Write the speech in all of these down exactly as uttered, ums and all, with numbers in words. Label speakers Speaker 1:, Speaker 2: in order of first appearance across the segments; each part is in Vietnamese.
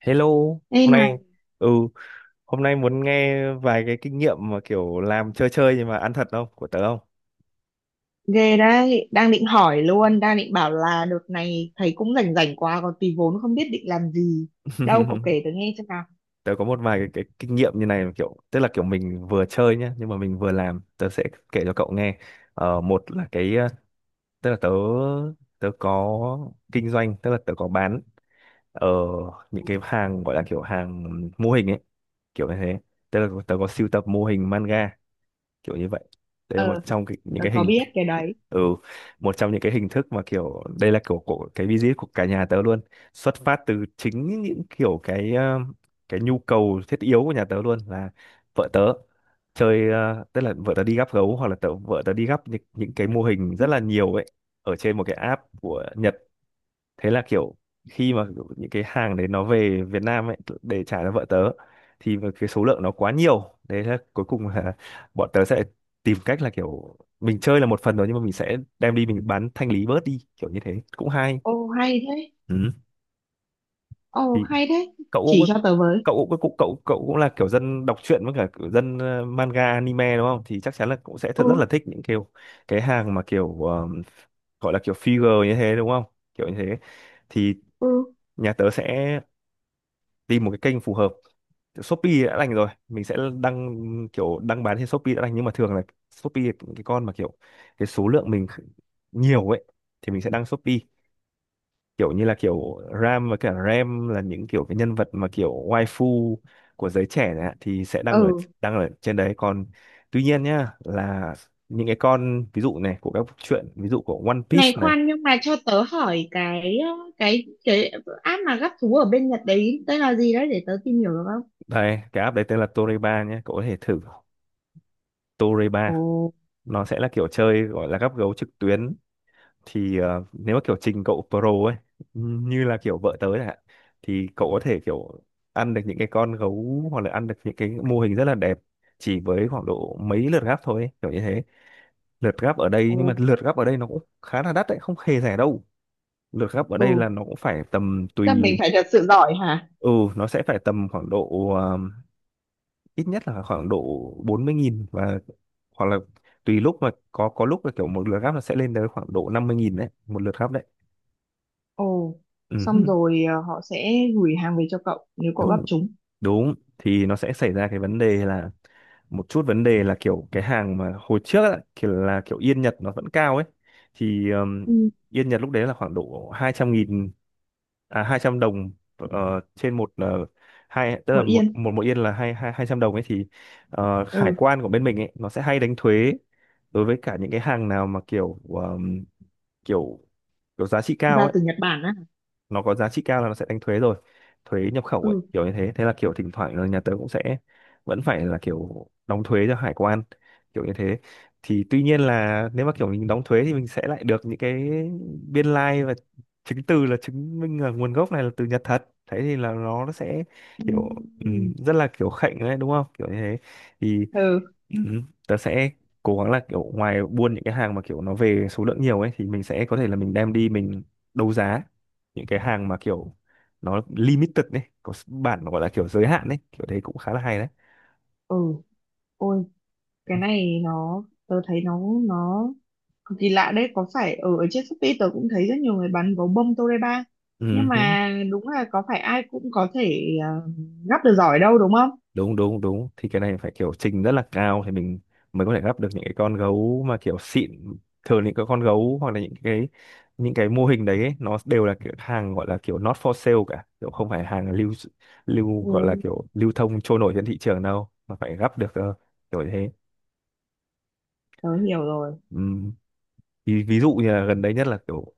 Speaker 1: Hello,
Speaker 2: Ê
Speaker 1: hôm
Speaker 2: này,
Speaker 1: nay ừ, hôm nay muốn nghe vài cái kinh nghiệm mà kiểu làm chơi chơi nhưng mà ăn thật không của tớ không?
Speaker 2: ghê đấy, đang định hỏi luôn, đang định bảo là đợt này thấy cũng rảnh rảnh quá, còn tí vốn không biết định làm gì. Đâu, cậu kể tớ nghe xem nào.
Speaker 1: Tớ có một vài cái, cái kinh nghiệm như này kiểu tức là kiểu mình vừa chơi nhá nhưng mà mình vừa làm, tớ sẽ kể cho cậu nghe. Ờ, một là cái ờ, tức là tớ tớ có kinh doanh, tức là tớ có bán ở những cái hàng gọi là kiểu hàng mô hình ấy, kiểu như thế. Tức là tớ có sưu tập mô hình manga kiểu như vậy. Đây là
Speaker 2: Ờ,
Speaker 1: một trong cái, những
Speaker 2: tớ
Speaker 1: cái
Speaker 2: có
Speaker 1: hình,
Speaker 2: biết cái đấy.
Speaker 1: ừ, một trong những cái hình thức mà kiểu đây là kiểu của cái visit của cả nhà tớ luôn, xuất phát từ chính những kiểu cái ờ, cái nhu cầu thiết yếu của nhà tớ luôn là vợ tớ chơi, ờ, tức là vợ tớ đi gắp gấu hoặc là tớ, vợ tớ đi gắp những, những cái mô hình
Speaker 2: Ừ.
Speaker 1: rất là nhiều ấy ở trên một cái app của Nhật. Thế là kiểu khi mà kiểu những cái hàng đấy nó về Việt Nam ấy để trả cho vợ tớ thì mà cái số lượng nó quá nhiều đấy, là cuối cùng là bọn tớ sẽ tìm cách là kiểu mình chơi là một phần rồi nhưng mà mình sẽ đem đi mình bán thanh lý bớt đi kiểu như thế cũng hay,
Speaker 2: Ồ, hay thế.
Speaker 1: ừ.
Speaker 2: Ồ,
Speaker 1: Thì
Speaker 2: hay thế.
Speaker 1: cậu
Speaker 2: Chỉ
Speaker 1: cũng
Speaker 2: cho tớ với.
Speaker 1: cậu cũng cậu cậu cậu cũng là kiểu dân đọc truyện với cả kiểu dân, ờ, manga anime, đúng không, thì chắc chắn là cũng sẽ thật rất là
Speaker 2: Ừ,
Speaker 1: thích những kiểu cái hàng mà kiểu ờ, gọi là kiểu figure như thế đúng không, kiểu như thế. Thì
Speaker 2: ừ,
Speaker 1: nhà tớ sẽ tìm một cái kênh phù hợp. Kiểu Shopee đã đành, rồi mình sẽ đăng kiểu đăng bán trên Shopee đã đành, nhưng mà thường là Shopee cái con mà kiểu cái số lượng mình kh- nhiều ấy thì mình sẽ đăng Shopee kiểu như là kiểu Ram và cả Ram là những kiểu cái nhân vật mà kiểu waifu của giới trẻ này ạ, thì sẽ đăng ở
Speaker 2: ừ.
Speaker 1: đăng ở trên đấy. Còn tuy nhiên nhá là những cái con ví dụ này của các truyện ví dụ của One Piece
Speaker 2: Này
Speaker 1: này.
Speaker 2: khoan, nhưng mà cho tớ hỏi cái ờ, cái cái app mà gắp thú ở bên Nhật đấy tên là gì đấy để tớ tìm hiểu được không?
Speaker 1: Đây cái app đấy tên là Toreba nhé, cậu có thể thử Toreba.
Speaker 2: Ồ.
Speaker 1: Nó sẽ là kiểu chơi gọi là gắp gấu trực tuyến. Thì ờ, nếu mà kiểu trình cậu pro ấy, như là kiểu vợ tớ chẳng hạn, thì cậu có thể kiểu ăn được những cái con gấu hoặc là ăn được những cái mô hình rất là đẹp chỉ với khoảng độ mấy lượt gắp thôi ấy, kiểu như thế. Lượt gắp ở đây,
Speaker 2: Ồ.
Speaker 1: nhưng mà lượt gắp ở đây nó cũng khá là đắt đấy, không hề rẻ đâu. Lượt gắp ở đây là
Speaker 2: Ừ.
Speaker 1: nó cũng phải tầm
Speaker 2: Chắc mình
Speaker 1: tùy,
Speaker 2: phải thật sự giỏi hả?
Speaker 1: ừ, nó sẽ phải tầm khoảng độ, ờ, ít nhất là khoảng độ bốn mươi nghìn, và hoặc là tùy lúc, mà có có lúc là kiểu một lượt gắp nó sẽ lên tới khoảng độ năm mươi nghìn đấy, một lượt gắp đấy,
Speaker 2: Ồ, xong rồi, ờ, họ sẽ gửi hàng về cho cậu nếu
Speaker 1: ừ.
Speaker 2: cậu gắp chúng.
Speaker 1: Đúng, thì nó sẽ xảy ra cái vấn đề là, một chút vấn đề là kiểu cái hàng mà hồi trước á, kiểu là kiểu yên Nhật nó vẫn cao ấy, thì ừm,
Speaker 2: Ừ.
Speaker 1: yên Nhật lúc đấy là khoảng độ hai trăm nghìn, à hai trăm đồng, ờ, trên một, ờ, hai tức là
Speaker 2: Mười
Speaker 1: một
Speaker 2: yên.
Speaker 1: một mỗi yên là hai hai hai trăm đồng ấy. Thì ờ, hải
Speaker 2: Ừ,
Speaker 1: quan của bên mình ấy nó sẽ hay đánh thuế đối với cả những cái hàng nào mà kiểu ờm, kiểu kiểu giá trị cao
Speaker 2: ra
Speaker 1: ấy,
Speaker 2: từ Nhật Bản á.
Speaker 1: nó có giá trị cao là nó sẽ đánh thuế rồi, thuế nhập khẩu ấy,
Speaker 2: Ừ.
Speaker 1: kiểu như thế. Thế là kiểu thỉnh thoảng là nhà tớ cũng sẽ vẫn phải là kiểu đóng thuế cho hải quan kiểu như thế. Thì tuy nhiên là nếu mà kiểu mình đóng thuế thì mình sẽ lại được những cái biên lai và chứng từ là chứng minh là nguồn gốc này là từ Nhật thật, thế thì là nó sẽ kiểu, ừm,
Speaker 2: Ừm.
Speaker 1: rất là kiểu khệnh đấy đúng không, kiểu như thế. Thì
Speaker 2: Ừ.
Speaker 1: ừ. Tớ sẽ cố gắng là kiểu ngoài buôn những cái hàng mà kiểu nó về số lượng nhiều ấy, thì mình sẽ có thể là mình đem đi mình đấu giá những cái hàng mà kiểu nó limited ấy, có s- bản gọi là kiểu giới hạn ấy, kiểu đấy cũng khá là hay đấy.
Speaker 2: Ừ. Ôi, cái này nó, tớ thấy nó, nó cực kỳ lạ đấy. Có phải ở, ở trên Shopee tớ cũng thấy rất nhiều người bán gấu bông Toreba. Nhưng
Speaker 1: Ừ.
Speaker 2: mà đúng là có phải ai cũng có thể ờ, gắp được giỏi đâu đúng không?
Speaker 1: Đúng đúng đúng, thì cái này phải kiểu trình rất là cao thì mình mới có thể gắp được những cái con gấu mà kiểu xịn. Thường những cái con gấu hoặc là những cái những cái mô hình đấy ấy, nó đều là kiểu hàng gọi là kiểu not for sale cả, kiểu không phải hàng lưu lưu gọi là
Speaker 2: Ừ.
Speaker 1: kiểu lưu thông trôi nổi trên thị trường đâu, mà phải gắp được cơ, kiểu thế.
Speaker 2: Tớ hiểu rồi.
Speaker 1: Ừm, ví, Ví dụ như là gần đây nhất là kiểu,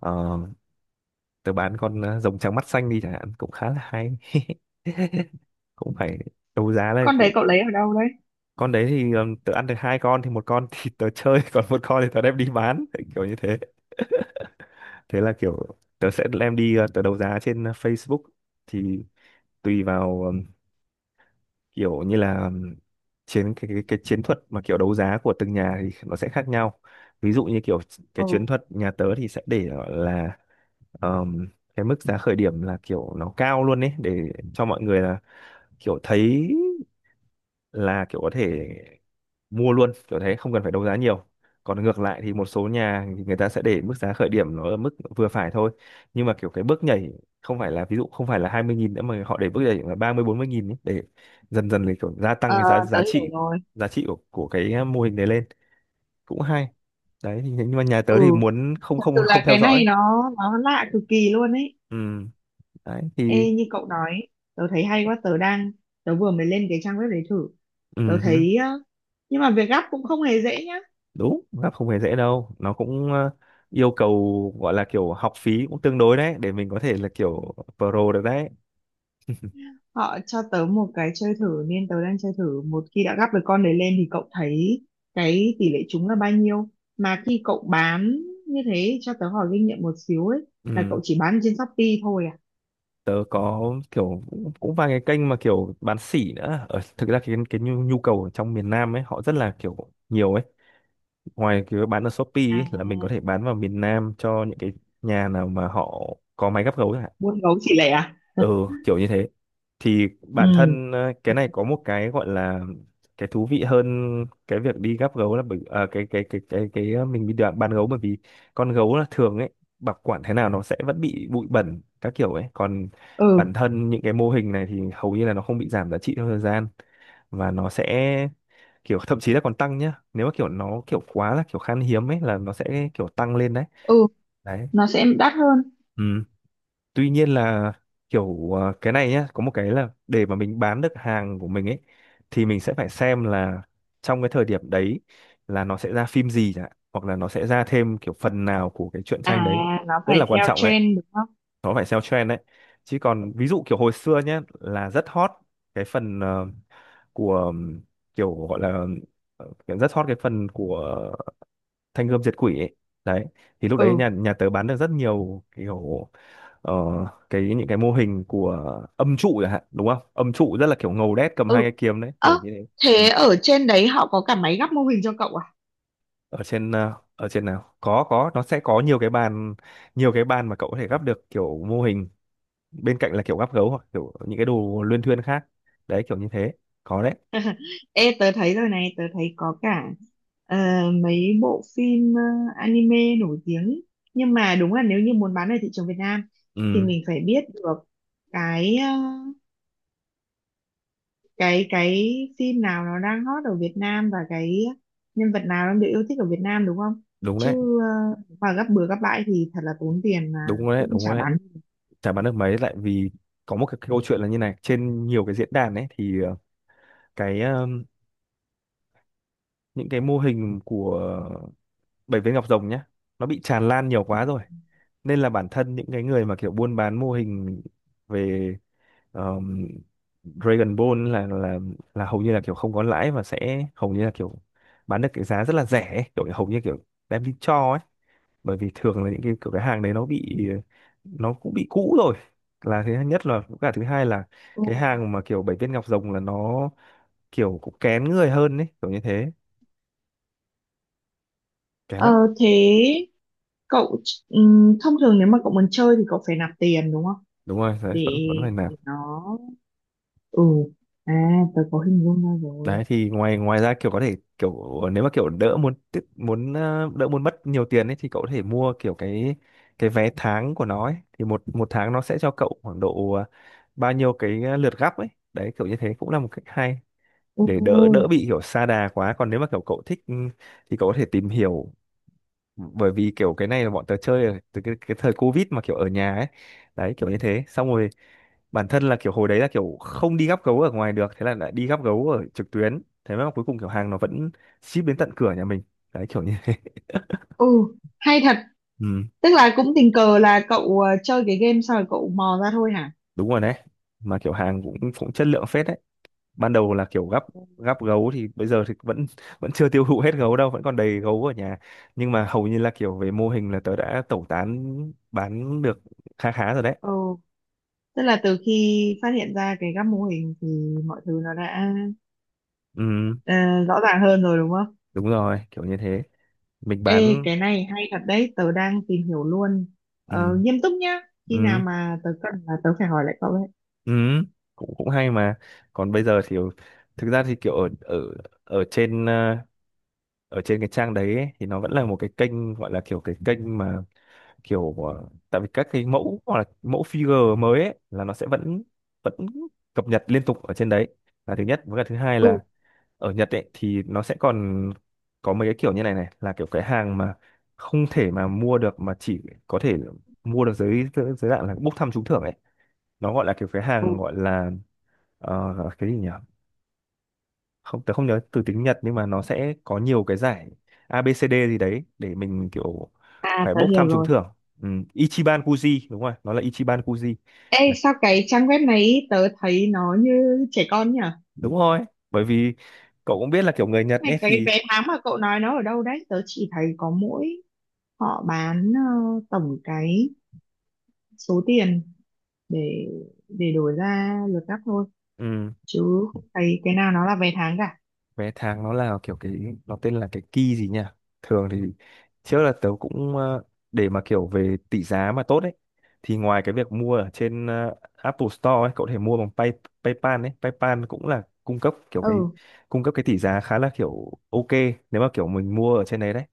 Speaker 1: ờ, tớ bán con, ờ, rồng trắng mắt xanh đi chẳng hạn, cũng khá là hay cũng phải đấu giá lên
Speaker 2: Con
Speaker 1: cũng.
Speaker 2: đấy cậu lấy ở đâu đấy?
Speaker 1: Con đấy thì ừm, tớ ăn được hai con thì một con thì tớ chơi còn một con thì tớ đem đi bán kiểu như thế. Thế là kiểu tớ sẽ đem đi, ờ, tớ đấu giá trên, ờ, Facebook. Thì tùy vào ừm, kiểu như là, ừm, chiến cái, cái cái chiến thuật mà kiểu đấu giá của từng nhà thì nó sẽ khác nhau. Ví dụ như kiểu cái chiến
Speaker 2: Ừ.
Speaker 1: thuật nhà tớ thì sẽ để ở là, ờm, cái mức giá khởi điểm là kiểu nó cao luôn ấy, để cho mọi người là kiểu thấy là kiểu có thể mua luôn kiểu thế, không cần phải đấu giá nhiều. Còn ngược lại thì một số nhà thì người ta sẽ để mức giá khởi điểm nó ở mức vừa phải thôi, nhưng mà kiểu cái bước nhảy không phải là, ví dụ không phải là hai mươi nghìn nữa, mà họ để bước nhảy là ba mươi bốn mươi nghìn ấy, để dần dần để kiểu gia tăng
Speaker 2: Ờ,
Speaker 1: cái giá
Speaker 2: tớ
Speaker 1: giá
Speaker 2: hiểu
Speaker 1: trị,
Speaker 2: rồi.
Speaker 1: giá trị của, của cái mô hình đấy lên, cũng hay đấy. Thì nhưng mà nhà tớ
Speaker 2: Ừ,
Speaker 1: thì muốn không
Speaker 2: thật sự
Speaker 1: không không
Speaker 2: là cái
Speaker 1: theo
Speaker 2: này
Speaker 1: dõi,
Speaker 2: nó nó lạ cực kỳ luôn ấy.
Speaker 1: ừ đấy thì,
Speaker 2: Ê, như cậu nói tớ thấy hay quá, tớ đang, tớ vừa mới lên cái trang web đấy thử. Tớ
Speaker 1: ừ hứ,
Speaker 2: thấy ờ, nhưng mà việc gắp cũng không hề dễ nhá.
Speaker 1: đúng, gặp không hề dễ đâu, nó cũng, ờ, yêu cầu gọi là kiểu học phí cũng tương đối đấy để mình có thể là kiểu pro được đấy.
Speaker 2: Họ cho tớ một cái chơi thử nên tớ đang chơi thử. Một khi đã gắp được con đấy lên thì cậu thấy cái tỷ lệ trúng là bao nhiêu mà khi cậu bán như thế? Cho tớ hỏi kinh nghiệm một xíu ấy, là
Speaker 1: Ừ,
Speaker 2: cậu chỉ bán trên Shopee thôi à?
Speaker 1: tớ có kiểu cũng, cũng vài cái kênh mà kiểu bán sỉ nữa ở, thực ra cái cái nhu, nhu cầu ở trong miền Nam ấy họ rất là kiểu nhiều ấy. Ngoài cái bán ở Shopee
Speaker 2: À,
Speaker 1: ấy, là mình có thể bán vào miền Nam cho những cái nhà nào mà họ có máy gắp gấu,
Speaker 2: buôn gấu chỉ lẻ à?
Speaker 1: ừ kiểu như thế. Thì bản
Speaker 2: Ừ.
Speaker 1: thân, ờ, cái này có một cái gọi là cái thú vị hơn cái việc đi gắp gấu, là bởi à, cái cái cái cái cái ờ, mình đi đoạn bán gấu. Bởi vì con gấu là thường ấy, bảo quản thế nào nó sẽ vẫn bị bụi bẩn các kiểu ấy, còn
Speaker 2: Ừ.
Speaker 1: bản thân những cái mô hình này thì hầu như là nó không bị giảm giá trị theo thời gian, và nó sẽ kiểu thậm chí là còn tăng nhá, nếu mà kiểu nó kiểu quá là kiểu khan hiếm ấy là nó sẽ kiểu tăng lên đấy,
Speaker 2: Ừ.
Speaker 1: đấy,
Speaker 2: Nó sẽ đắt hơn.
Speaker 1: ừ. Tuy nhiên là kiểu, ờ, cái này nhá, có một cái là để mà mình bán được hàng của mình ấy thì mình sẽ phải xem là trong cái thời điểm đấy là nó sẽ ra phim gì chẳng hạn, hoặc là nó sẽ ra thêm kiểu phần nào của cái truyện
Speaker 2: À,
Speaker 1: tranh đấy,
Speaker 2: nó
Speaker 1: rất là
Speaker 2: phải
Speaker 1: quan
Speaker 2: theo
Speaker 1: trọng đấy,
Speaker 2: trend đúng không?
Speaker 1: nó phải theo trend đấy. Chứ còn ví dụ kiểu hồi xưa nhá là rất hot cái phần, ờ, của ừm, kiểu gọi là ờ, kiểu rất hot cái phần của Thanh Gươm Diệt Quỷ ấy, đấy thì lúc đấy nhà
Speaker 2: Ừ.
Speaker 1: nhà tớ bán được rất nhiều kiểu, ờ, cái những cái mô hình của âm trụ chẳng hạn, đúng không, âm trụ rất là kiểu ngầu đét cầm hai
Speaker 2: Ừ.
Speaker 1: cái kiếm đấy,
Speaker 2: Ơ,
Speaker 1: kiểu như thế, ừ.
Speaker 2: thế ở trên đấy họ có cả máy gắp mô hình cho cậu à?
Speaker 1: Ở trên ờ, ở trên nào có có nó sẽ có nhiều cái bàn, nhiều cái bàn mà cậu có thể gắp được kiểu mô hình, bên cạnh là kiểu gắp gấu hoặc kiểu những cái đồ luyên thuyên khác. Đấy kiểu như thế. Có đấy.
Speaker 2: Ê, tớ thấy rồi này, tớ thấy có cả ờ, mấy bộ phim, ờ, anime nổi tiếng. Nhưng mà đúng là nếu như muốn bán ở thị trường Việt Nam thì
Speaker 1: Ừ,
Speaker 2: mình phải biết được cái ờ, cái cái phim nào nó đang hot ở Việt Nam và cái nhân vật nào đang được yêu thích ở Việt Nam đúng không?
Speaker 1: đúng đấy,
Speaker 2: Chứ ờ, mà gấp bừa gấp bãi thì thật là tốn tiền mà
Speaker 1: đúng đấy,
Speaker 2: cũng
Speaker 1: đúng
Speaker 2: chả
Speaker 1: đấy.
Speaker 2: bán.
Speaker 1: Chả bán được mấy lại vì có một cái câu chuyện là như này: trên nhiều cái diễn đàn ấy thì ờ, cái ờ, những cái mô hình của bảy viên ngọc rồng nhá, nó bị tràn lan nhiều quá rồi nên là bản thân những cái người mà kiểu buôn bán mô hình về um, Dragon Ball là là là hầu như là kiểu không có lãi, và sẽ hầu như là kiểu bán được cái giá rất là rẻ ấy. Kiểu hầu như kiểu đem đi cho ấy. Bởi vì thường là những cái kiểu cái hàng đấy nó bị nó cũng bị cũ rồi, là thứ nhất, là với cả thứ hai là
Speaker 2: Ừ.
Speaker 1: cái hàng mà kiểu bảy viên ngọc rồng là nó kiểu cũng kén người hơn ấy, kiểu như thế, kén lắm.
Speaker 2: Ờ, thế cậu, ừm, thông thường nếu mà cậu muốn chơi thì cậu phải nạp tiền đúng không?
Speaker 1: Đúng rồi đấy,
Speaker 2: Để,
Speaker 1: vẫn vẫn phải làm.
Speaker 2: để nó, ừ, à, tớ có hình dung ra rồi.
Speaker 1: Đấy thì ngoài ngoài ra, kiểu có thể kiểu nếu mà kiểu đỡ muốn tiết muốn ờ, đỡ muốn mất nhiều tiền ấy thì cậu có thể mua kiểu cái cái vé tháng của nó ấy, thì một một tháng nó sẽ cho cậu khoảng độ ờ, bao nhiêu cái ờ, lượt gấp ấy. Đấy kiểu như thế, cũng là một cách hay để đỡ đỡ
Speaker 2: Ừ.
Speaker 1: bị kiểu sa đà quá. Còn nếu mà kiểu cậu thích, ừ, thì cậu có thể tìm hiểu, bởi vì kiểu cái này là bọn tớ chơi ở- từ cái, cái thời Covid mà kiểu ở nhà ấy. Đấy kiểu như thế. Xong rồi bản thân là kiểu hồi đấy là kiểu không đi gắp gấu ở ngoài được, thế là lại đi gắp gấu ở trực tuyến, thế mà cuối cùng kiểu hàng nó vẫn ship đến tận cửa nhà mình. Đấy kiểu như thế.
Speaker 2: Ừ, hay thật.
Speaker 1: Ừ,
Speaker 2: Tức là cũng tình cờ là cậu ờ, chơi cái game xong rồi cậu mò ra thôi hả?
Speaker 1: đúng rồi đấy, mà kiểu hàng cũng cũng chất lượng phết đấy. Ban đầu là kiểu gắp gắp gấu thì bây giờ thì vẫn vẫn chưa tiêu thụ hết gấu đâu, vẫn còn đầy gấu ở nhà. Nhưng mà hầu như là kiểu về mô hình là tớ đã tẩu tán, bán được khá khá rồi đấy.
Speaker 2: Ừ, tức là từ khi phát hiện ra cái các mô hình thì mọi thứ nó đã
Speaker 1: Ừ,
Speaker 2: ờ, rõ ràng hơn rồi đúng không?
Speaker 1: đúng rồi kiểu như thế, mình
Speaker 2: Ê,
Speaker 1: bán.
Speaker 2: cái này hay thật đấy, tớ đang tìm hiểu luôn.
Speaker 1: Ừ,
Speaker 2: Ờ, nghiêm túc nhá. Khi nào
Speaker 1: ừ,
Speaker 2: mà tớ cần là tớ phải hỏi lại cậu đấy.
Speaker 1: ừ, cũng cũng hay mà. Còn bây giờ thì thực ra thì kiểu ở ở ở trên ờ, ở trên cái trang đấy ấy, thì nó vẫn là một cái kênh, gọi là kiểu cái kênh mà kiểu ờ, tại vì các cái mẫu hoặc là mẫu figure mới ấy, là nó sẽ vẫn vẫn cập nhật liên tục ở trên đấy, là thứ nhất, với cả thứ hai
Speaker 2: Ừ.
Speaker 1: là ở Nhật ấy thì nó sẽ còn có mấy cái kiểu như này này, là kiểu cái hàng mà không thể mà mua được, mà chỉ có thể mua được dưới dưới dưới dạng là bốc thăm trúng thưởng ấy. Nó gọi là kiểu cái hàng gọi
Speaker 2: Ừ.
Speaker 1: là ờ, cái gì nhỉ, không, tớ không nhớ từ tiếng Nhật, nhưng mà nó sẽ có nhiều cái giải A ABCD gì đấy để mình kiểu
Speaker 2: À,
Speaker 1: phải
Speaker 2: tớ
Speaker 1: bốc
Speaker 2: hiểu
Speaker 1: thăm trúng
Speaker 2: rồi.
Speaker 1: thưởng. Ừ. Ichiban Kuji, đúng rồi, nó là Ichiban Kuji.
Speaker 2: Ê,
Speaker 1: Là-
Speaker 2: sao cái trang web này tớ thấy nó như trẻ con nhỉ?
Speaker 1: Đúng rồi, bởi vì cậu cũng biết là kiểu người Nhật ấy
Speaker 2: Này, cái
Speaker 1: thì.
Speaker 2: vé tháng mà cậu nói nó ở đâu đấy? Tớ chỉ thấy có mỗi họ bán ờ, tổng cái số tiền để để đổi ra lượt cắt thôi,
Speaker 1: Ừ.
Speaker 2: chứ không thấy cái nào nó là vé tháng cả.
Speaker 1: Vé tháng nó là kiểu cái, nó tên là cái key gì nhỉ. Thường thì trước là tớ cũng ờ, để mà kiểu về tỷ giá mà tốt ấy, thì ngoài cái việc mua ở trên ờ, Apple Store ấy, cậu có thể mua bằng Pay, PayPal ấy. PayPal cũng là cung cấp kiểu cái
Speaker 2: Ừ,
Speaker 1: cung cấp cái tỷ giá khá là kiểu ok nếu mà kiểu mình mua ở trên đấy. Đấy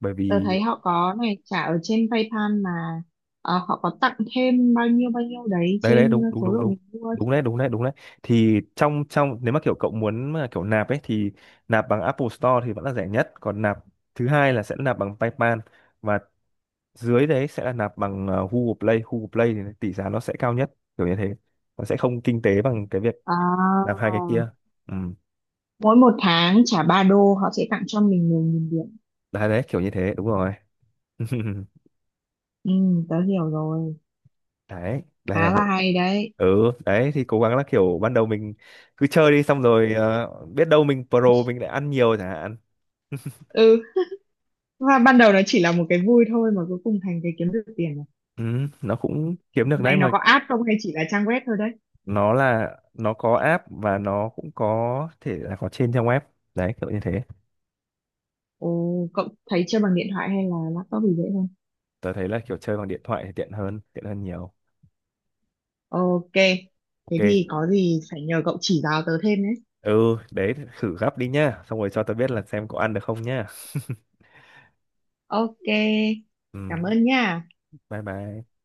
Speaker 1: bởi
Speaker 2: tớ
Speaker 1: vì
Speaker 2: thấy họ có này, trả ở trên PayPal mà ờ, họ có tặng thêm bao nhiêu bao nhiêu đấy
Speaker 1: đấy đấy,
Speaker 2: trên
Speaker 1: đúng đúng
Speaker 2: số
Speaker 1: đúng
Speaker 2: lượng
Speaker 1: đúng,
Speaker 2: mình mua.
Speaker 1: đúng đấy, đúng đấy, đúng đấy, thì trong trong nếu mà kiểu cậu muốn mà kiểu nạp ấy thì nạp bằng Apple Store thì vẫn là rẻ nhất, còn nạp thứ hai là sẽ nạp bằng PayPal, và dưới đấy sẽ là nạp bằng ờ, Google Play. Google Play thì tỷ giá nó sẽ cao nhất, kiểu như thế, nó sẽ không kinh tế bằng cái việc
Speaker 2: À,
Speaker 1: nạp hai cái kia. Ừ.
Speaker 2: mỗi một tháng trả ba đô họ sẽ tặng cho mình mười nghìn điểm.
Speaker 1: Đấy đấy kiểu như thế, đúng rồi.
Speaker 2: Ừ, tớ hiểu rồi,
Speaker 1: Đấy đây là
Speaker 2: khá là
Speaker 1: bộ.
Speaker 2: hay đấy.
Speaker 1: Ừ, đấy thì cố gắng là kiểu ban đầu mình cứ chơi đi, xong rồi ờ, biết đâu mình pro, mình lại ăn nhiều chẳng hạn.
Speaker 2: Ừ, và ban đầu nó chỉ là một cái vui thôi mà cuối cùng thành cái kiếm được tiền rồi.
Speaker 1: Ừ, nó cũng kiếm được đấy
Speaker 2: Này, nó
Speaker 1: mà.
Speaker 2: có app không hay chỉ là trang web thôi đấy?
Speaker 1: Nó là nó có app và nó cũng có thể là có trên trang web. Đấy kiểu như thế.
Speaker 2: Ồ, cậu thấy chơi bằng điện thoại hay là laptop thì dễ hơn?
Speaker 1: Tớ thấy là kiểu chơi bằng điện thoại thì tiện hơn, tiện hơn nhiều.
Speaker 2: Ok. Thế thì
Speaker 1: Ok.
Speaker 2: có gì phải nhờ cậu chỉ giáo tớ thêm đấy.
Speaker 1: Ừ, đấy, thử gấp đi nhá, xong rồi cho tao biết là xem có ăn được không nhá.
Speaker 2: Ok,
Speaker 1: Ừ,
Speaker 2: cảm ơn nha.
Speaker 1: bye bye.